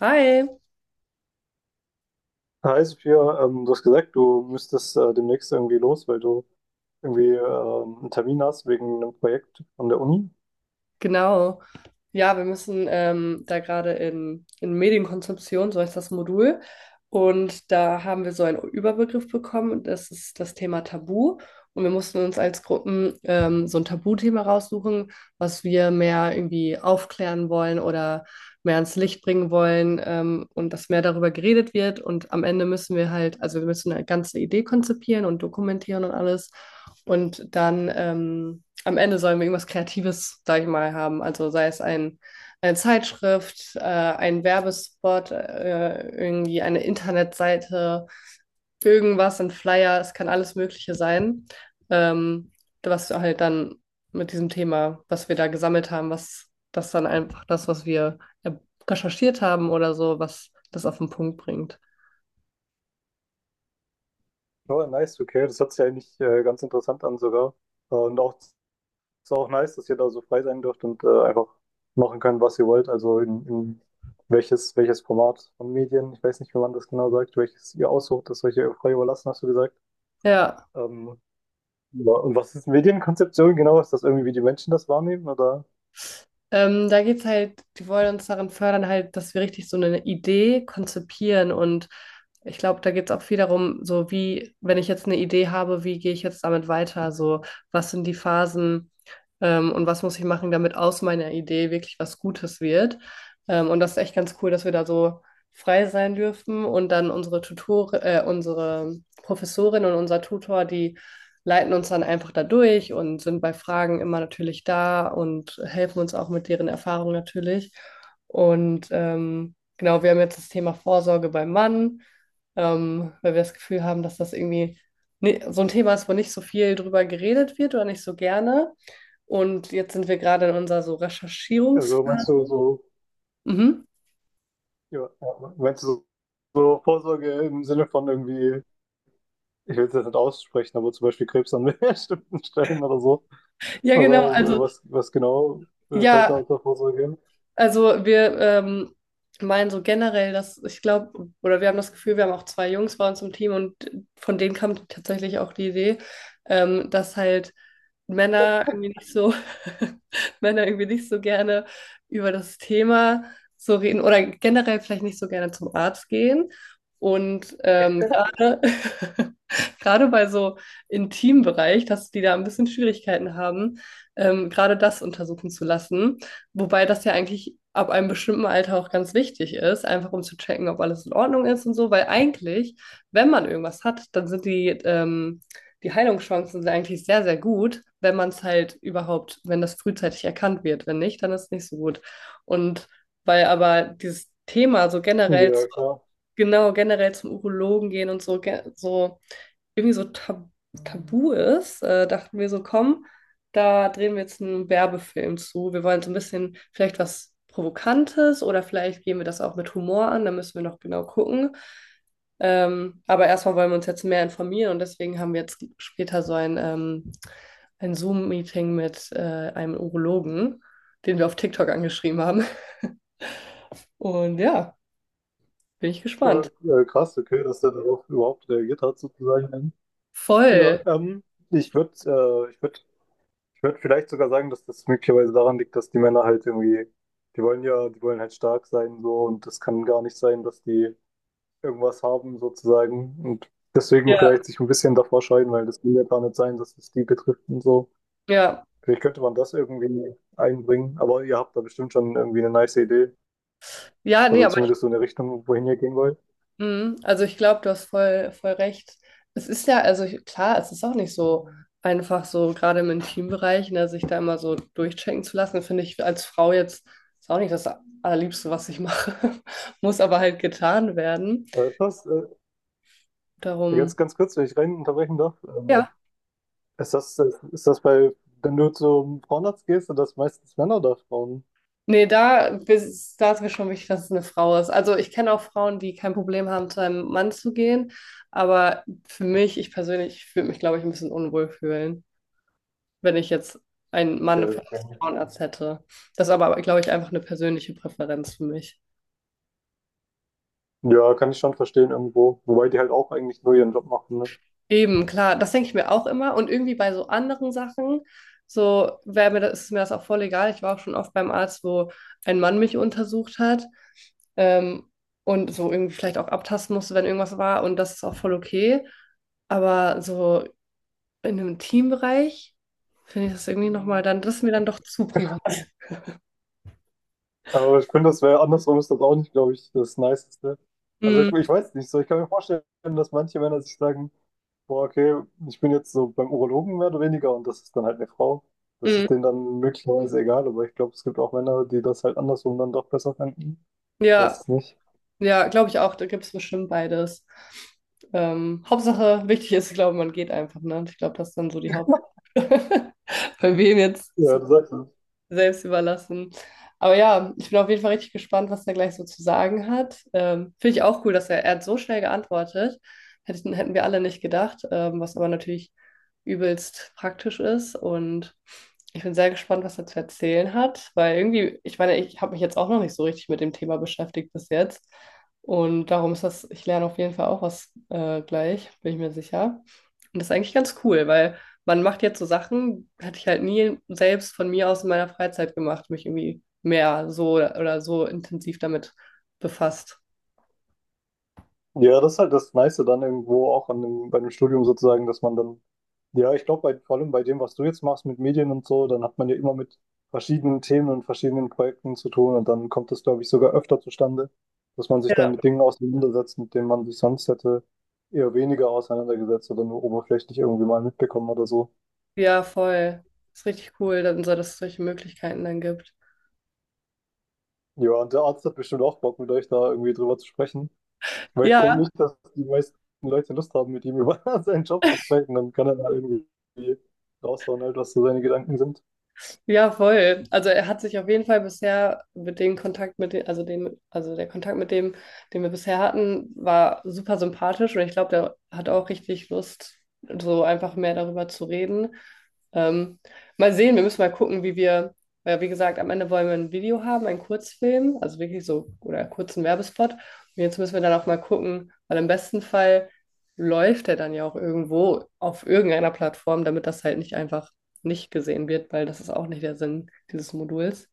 Hi, Hi Sophia, du hast gesagt, du müsstest demnächst irgendwie los, weil du irgendwie einen Termin hast wegen einem Projekt an der Uni. genau. Ja, wir müssen da gerade in Medienkonsumption, so heißt das Modul. Und da haben wir so einen Überbegriff bekommen, und das ist das Thema Tabu. Und wir mussten uns als Gruppen so ein Tabuthema raussuchen, was wir mehr irgendwie aufklären wollen oder mehr ans Licht bringen wollen, und dass mehr darüber geredet wird. Und am Ende müssen wir halt, also wir müssen eine ganze Idee konzipieren und dokumentieren und alles. Und dann am Ende sollen wir irgendwas Kreatives, sag ich mal, haben. Also sei es ein, eine Zeitschrift, ein Werbespot, irgendwie eine Internetseite, irgendwas, ein Flyer, es kann alles Mögliche sein, ähm, was halt dann mit diesem Thema, was wir da gesammelt haben, was das dann einfach das, was wir recherchiert haben oder so, was das auf den Punkt bringt. Ja, nice, okay. Das hört sich eigentlich ganz interessant an sogar. Und auch ist auch nice, dass ihr da so frei sein dürft und einfach machen könnt, was ihr wollt. Also in welches Format von Medien, ich weiß nicht, wie man das genau sagt, welches ihr aussucht, das euch ihr frei überlassen, hast du gesagt. Ja. Ähm, ja. Und was ist Medienkonzeption genau? Ist das irgendwie, wie die Menschen das wahrnehmen? Oder Da geht's halt, die wollen uns darin fördern, halt, dass wir richtig so eine Idee konzipieren. Und ich glaube, da geht's auch viel darum, so wie, wenn ich jetzt eine Idee habe, wie gehe ich jetzt damit weiter? So, was sind die Phasen? Und was muss ich machen, damit aus meiner Idee wirklich was Gutes wird. Und das ist echt ganz cool, dass wir da so frei sein dürfen und dann unsere Tutor, unsere Professorin und unser Tutor, die leiten uns dann einfach da durch und sind bei Fragen immer natürlich da und helfen uns auch mit deren Erfahrung natürlich. Und genau, wir haben jetzt das Thema Vorsorge beim Mann, weil wir das Gefühl haben, dass das irgendwie so ein Thema ist, wo nicht so viel drüber geredet wird oder nicht so gerne. Und jetzt sind wir gerade in unserer so also meinst Recherchierungsphase. du so? Mhm. Ja, ja. Meinst du so, so Vorsorge im Sinne von irgendwie, ich will es jetzt nicht aussprechen, aber zum Beispiel Krebs an bestimmten Stellen oder so? Ja, genau. Oder Also, was, was genau fällt da ja, unter Vorsorge hin? also wir meinen so generell, dass ich glaube, oder wir haben das Gefühl, wir haben auch zwei Jungs bei uns im Team und von denen kam tatsächlich auch die Idee, dass halt Männer irgendwie nicht so, Männer irgendwie nicht so gerne über das Thema so reden oder generell vielleicht nicht so gerne zum Arzt gehen. Und gerade gerade bei so intimen Bereich, dass die da ein bisschen Schwierigkeiten haben, gerade das untersuchen zu lassen. Wobei das ja eigentlich ab einem bestimmten Alter auch ganz wichtig ist, einfach um zu checken, ob alles in Ordnung ist und so, weil eigentlich, wenn man irgendwas hat, dann sind die, die Heilungschancen sind eigentlich sehr, sehr gut, wenn man es halt überhaupt, wenn das frühzeitig erkannt wird. Wenn nicht, dann ist es nicht so gut. Und weil aber dieses Thema so generell Ja, zu klar. genau generell zum Urologen gehen und so, so irgendwie so tabu ist, dachten wir so, komm, da drehen wir jetzt einen Werbefilm zu. Wir wollen so ein bisschen vielleicht was Provokantes oder vielleicht gehen wir das auch mit Humor an, da müssen wir noch genau gucken. Aber erstmal wollen wir uns jetzt mehr informieren und deswegen haben wir jetzt später so ein Zoom-Meeting mit einem Urologen, den wir auf TikTok angeschrieben haben. Und ja, bin ich Äh, gespannt. Krass, okay, dass der darauf überhaupt reagiert hat, sozusagen. Ja, Voll. Ich würde äh, ich würd, ich würd vielleicht sogar sagen, dass das möglicherweise daran liegt, dass die Männer halt irgendwie, die wollen ja, die wollen halt stark sein so und das kann gar nicht sein, dass die irgendwas haben, sozusagen. Und deswegen Ja. vielleicht sich ein bisschen davor scheiden, weil das will ja gar nicht sein, dass es die betrifft und so. Ja, Vielleicht könnte man das irgendwie einbringen, aber ihr habt da bestimmt schon irgendwie eine nice Idee. ja, nee, Also aber ich, zumindest so eine Richtung, wohin ihr gehen wollt. mhm, also ich glaube, du hast voll recht. Es ist ja, also ich, klar, es ist auch nicht so einfach so, gerade im Intimbereich, ne, sich da immer so durchchecken zu lassen, finde ich als Frau jetzt, ist auch nicht das Allerliebste, was ich mache, muss aber halt getan werden. Das, Darum, ganz kurz, wenn ich rein unterbrechen darf. Ja, Ist das bei, wenn du zum Frauenarzt gehst, sind das meistens Männer oder Frauen? nee, da, da ist mir schon wichtig, dass es eine Frau ist. Also ich kenne auch Frauen, die kein Problem haben, zu einem Mann zu gehen, aber für mich, ich persönlich, ich würde mich, glaube ich, ein bisschen unwohl fühlen, wenn ich jetzt einen Mann für Okay. einen Okay. Frauenarzt hätte. Das ist aber, glaube ich, einfach eine persönliche Präferenz für mich. Ja, kann ich schon verstehen irgendwo. Wobei die halt auch eigentlich nur ihren Job machen, ne? Eben, klar, das denke ich mir auch immer. Und irgendwie bei so anderen Sachen, so wäre mir das, ist mir das auch voll egal. Ich war auch schon oft beim Arzt, wo ein Mann mich untersucht hat. Ähm, und so irgendwie vielleicht auch abtasten musste, wenn irgendwas war. Und das ist auch voll okay. Aber so in einem Teambereich finde ich das irgendwie nochmal dann, das ist mir dann doch zu privat. Aber ich finde, das wäre andersrum ist das auch nicht, glaube ich, das Niceste. Also Mm, ich weiß nicht so. Ich kann mir vorstellen, dass manche Männer sich sagen, boah, okay, ich bin jetzt so beim Urologen mehr oder weniger und das ist dann halt eine Frau. Das mm, ist denen dann möglicherweise egal, aber ich glaube, es gibt auch Männer, die das halt andersrum dann doch besser finden. Ich weiß ja. es nicht. Ja, glaube ich auch, da gibt es bestimmt beides. Hauptsache, wichtig ist, ich glaube, man geht einfach, ne? Ich glaube, das ist dann so die Haupt. Bei wem Ja, jetzt das ist halt, selbst überlassen. Aber ja, ich bin auf jeden Fall richtig gespannt, was er gleich so zu sagen hat. Finde ich auch cool, dass er hat so schnell geantwortet. Hätten wir alle nicht gedacht, was aber natürlich übelst praktisch ist. Und ich bin sehr gespannt, was er zu erzählen hat, weil irgendwie, ich meine, ich habe mich jetzt auch noch nicht so richtig mit dem Thema beschäftigt bis jetzt. Und darum ist das, ich lerne auf jeden Fall auch was gleich, bin ich mir sicher. Und das ist eigentlich ganz cool, weil man macht jetzt so Sachen, hatte ich halt nie selbst von mir aus in meiner Freizeit gemacht, mich irgendwie mehr so oder so intensiv damit befasst. ja, das ist halt das Nice dann irgendwo auch an dem, bei dem Studium sozusagen, dass man dann ja, ich glaube, vor allem bei dem, was du jetzt machst mit Medien und so, dann hat man ja immer mit verschiedenen Themen und verschiedenen Projekten zu tun und dann kommt das, glaube ich, sogar öfter zustande, dass man sich dann Ja, mit Dingen auseinandersetzt, mit denen man sich sonst hätte eher weniger auseinandergesetzt oder nur oberflächlich irgendwie mal mitbekommen oder so. ja, voll. Ist richtig cool, dann so, dass es solche Möglichkeiten dann gibt. Ja, und der Arzt hat bestimmt auch Bock, mit euch da irgendwie drüber zu sprechen, weil ich denke Ja. nicht, dass die meisten Leute Lust haben, mit ihm über seinen Job zu sprechen, dann kann er da irgendwie raushauen, halt, was so seine Gedanken sind. Ja, voll. Also er hat sich auf jeden Fall bisher mit dem Kontakt mit dem, also der Kontakt mit dem, den wir bisher hatten, war super sympathisch und ich glaube, der hat auch richtig Lust, so einfach mehr darüber zu reden. Ähm, mal sehen, wir müssen mal gucken, wie wir, weil wie gesagt, am Ende wollen wir ein Video haben, einen Kurzfilm, also wirklich so, oder einen kurzen Werbespot. Und jetzt müssen wir dann auch mal gucken, weil im besten Fall läuft der dann ja auch irgendwo auf irgendeiner Plattform, damit das halt nicht einfach nicht gesehen wird, weil das ist auch nicht der Sinn dieses Moduls.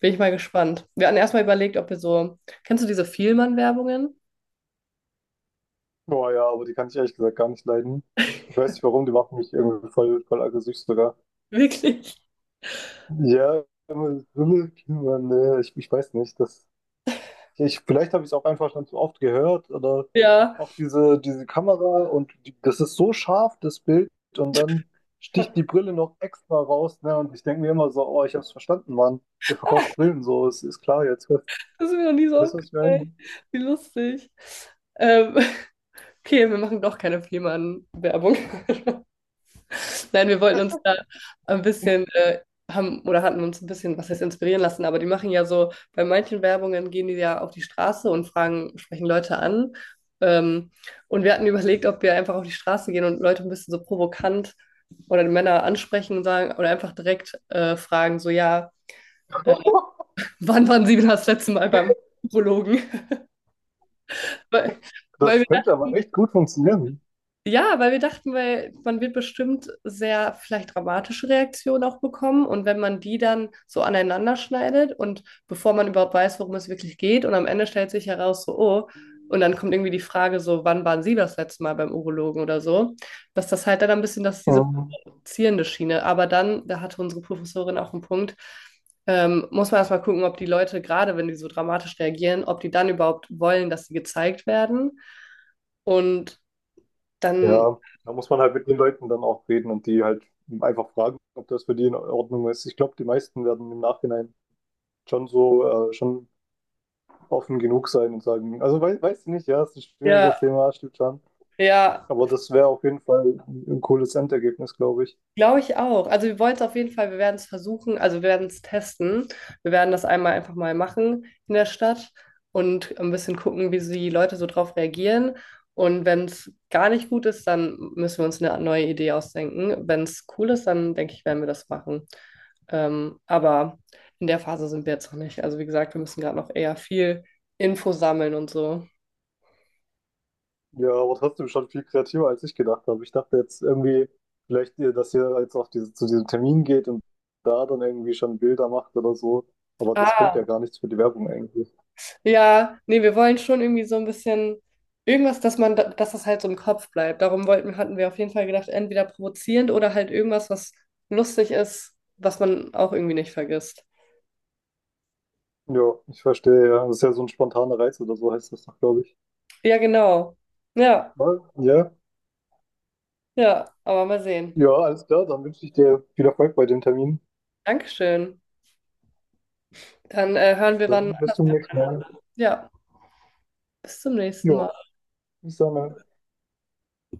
Bin ich mal gespannt. Wir hatten erstmal überlegt, ob wir so. Kennst du diese Vielmann-Werbungen? Boah, ja, aber die kann ich ehrlich gesagt gar nicht leiden. Ich weiß nicht warum, die macht mich irgendwie voll aggressiv sogar. Wirklich? Ja, aber so eine Kinder, ne, ich weiß nicht. Das, ich, vielleicht habe ich es auch einfach schon zu oft gehört oder Ja, auch diese Kamera und die, das ist so scharf, das Bild, und dann sticht die Brille noch extra raus, ne? Und ich denke mir immer so, oh, ich habe es verstanden, Mann. Ihr verkauft Brillen so, es ist klar jetzt. das ist mir noch nie so Weißt du, was ich aufgefallen. meine? Wie lustig. Ähm, okay, wir machen doch keine Vielmann-Werbung. Nein, wir wollten uns da ein bisschen, haben oder hatten uns ein bisschen, was heißt inspirieren lassen, aber die machen ja so, bei manchen Werbungen gehen die ja auf die Straße und fragen, sprechen Leute an. Ähm, und wir hatten überlegt, ob wir einfach auf die Straße gehen und Leute ein bisschen so provokant oder die Männer ansprechen und sagen oder einfach direkt fragen, so ja, äh, wann waren Sie das letzte Mal beim Urologen? Weil, weil Das könnte aber wir echt gut funktionieren. ja, weil wir dachten, weil man wird bestimmt sehr vielleicht dramatische Reaktionen auch bekommen. Und wenn man die dann so aneinander schneidet und bevor man überhaupt weiß, worum es wirklich geht, und am Ende stellt sich heraus, so, oh, und dann kommt irgendwie die Frage, so, wann waren Sie das letzte Mal beim Urologen oder so, dass das halt dann ein bisschen, dass diese Ähm, provozierende Schiene. Aber dann, da hatte unsere Professorin auch einen Punkt, muss man erstmal gucken, ob die Leute, gerade wenn die so dramatisch reagieren, ob die dann überhaupt wollen, dass sie gezeigt werden. Und dann Ja, da muss man halt mit den Leuten dann auch reden und die halt einfach fragen, ob das für die in Ordnung ist. Ich glaube, die meisten werden im Nachhinein schon so, schon offen genug sein und sagen, also weiß ich nicht, ja, ist ein ja, schwieriges Thema, stimmt schon. ja, Aber das wäre auf jeden Fall ein cooles Endergebnis, glaube ich. glaube ich auch. Also wir wollen es auf jeden Fall, wir werden es versuchen, also wir werden es testen. Wir werden das einmal einfach mal machen in der Stadt und ein bisschen gucken, wie so die Leute so drauf reagieren. Und wenn es gar nicht gut ist, dann müssen wir uns eine neue Idee ausdenken. Wenn es cool ist, dann denke ich, werden wir das machen. Aber in der Phase sind wir jetzt noch nicht. Also wie gesagt, wir müssen gerade noch eher viel Info sammeln und so. Ja, aber trotzdem schon viel kreativer, als ich gedacht habe. Ich dachte jetzt irgendwie, vielleicht, dass ihr jetzt auf diese, zu diesem Termin geht und da dann irgendwie schon Bilder macht oder so. Aber das bringt ja gar nichts für die Werbung eigentlich. Ja, nee, wir wollen schon irgendwie so ein bisschen irgendwas, dass man, dass das halt so im Kopf bleibt. Darum wollten, hatten wir auf jeden Fall gedacht, entweder provozierend oder halt irgendwas, was lustig ist, was man auch irgendwie nicht vergisst. Ja, ich verstehe, ja. Das ist ja so ein spontaner Reiz oder so heißt das doch, glaube ich. Ja, genau. Ja, Aber, ja, ja, aber mal sehen. ja, alles klar. Dann wünsche ich dir viel Erfolg bei dem Termin. Dankeschön. Dann hören wir wann. Dann bis zum nächsten Mal. Ja, bis zum nächsten Jo, Mal. bis dann. Ja.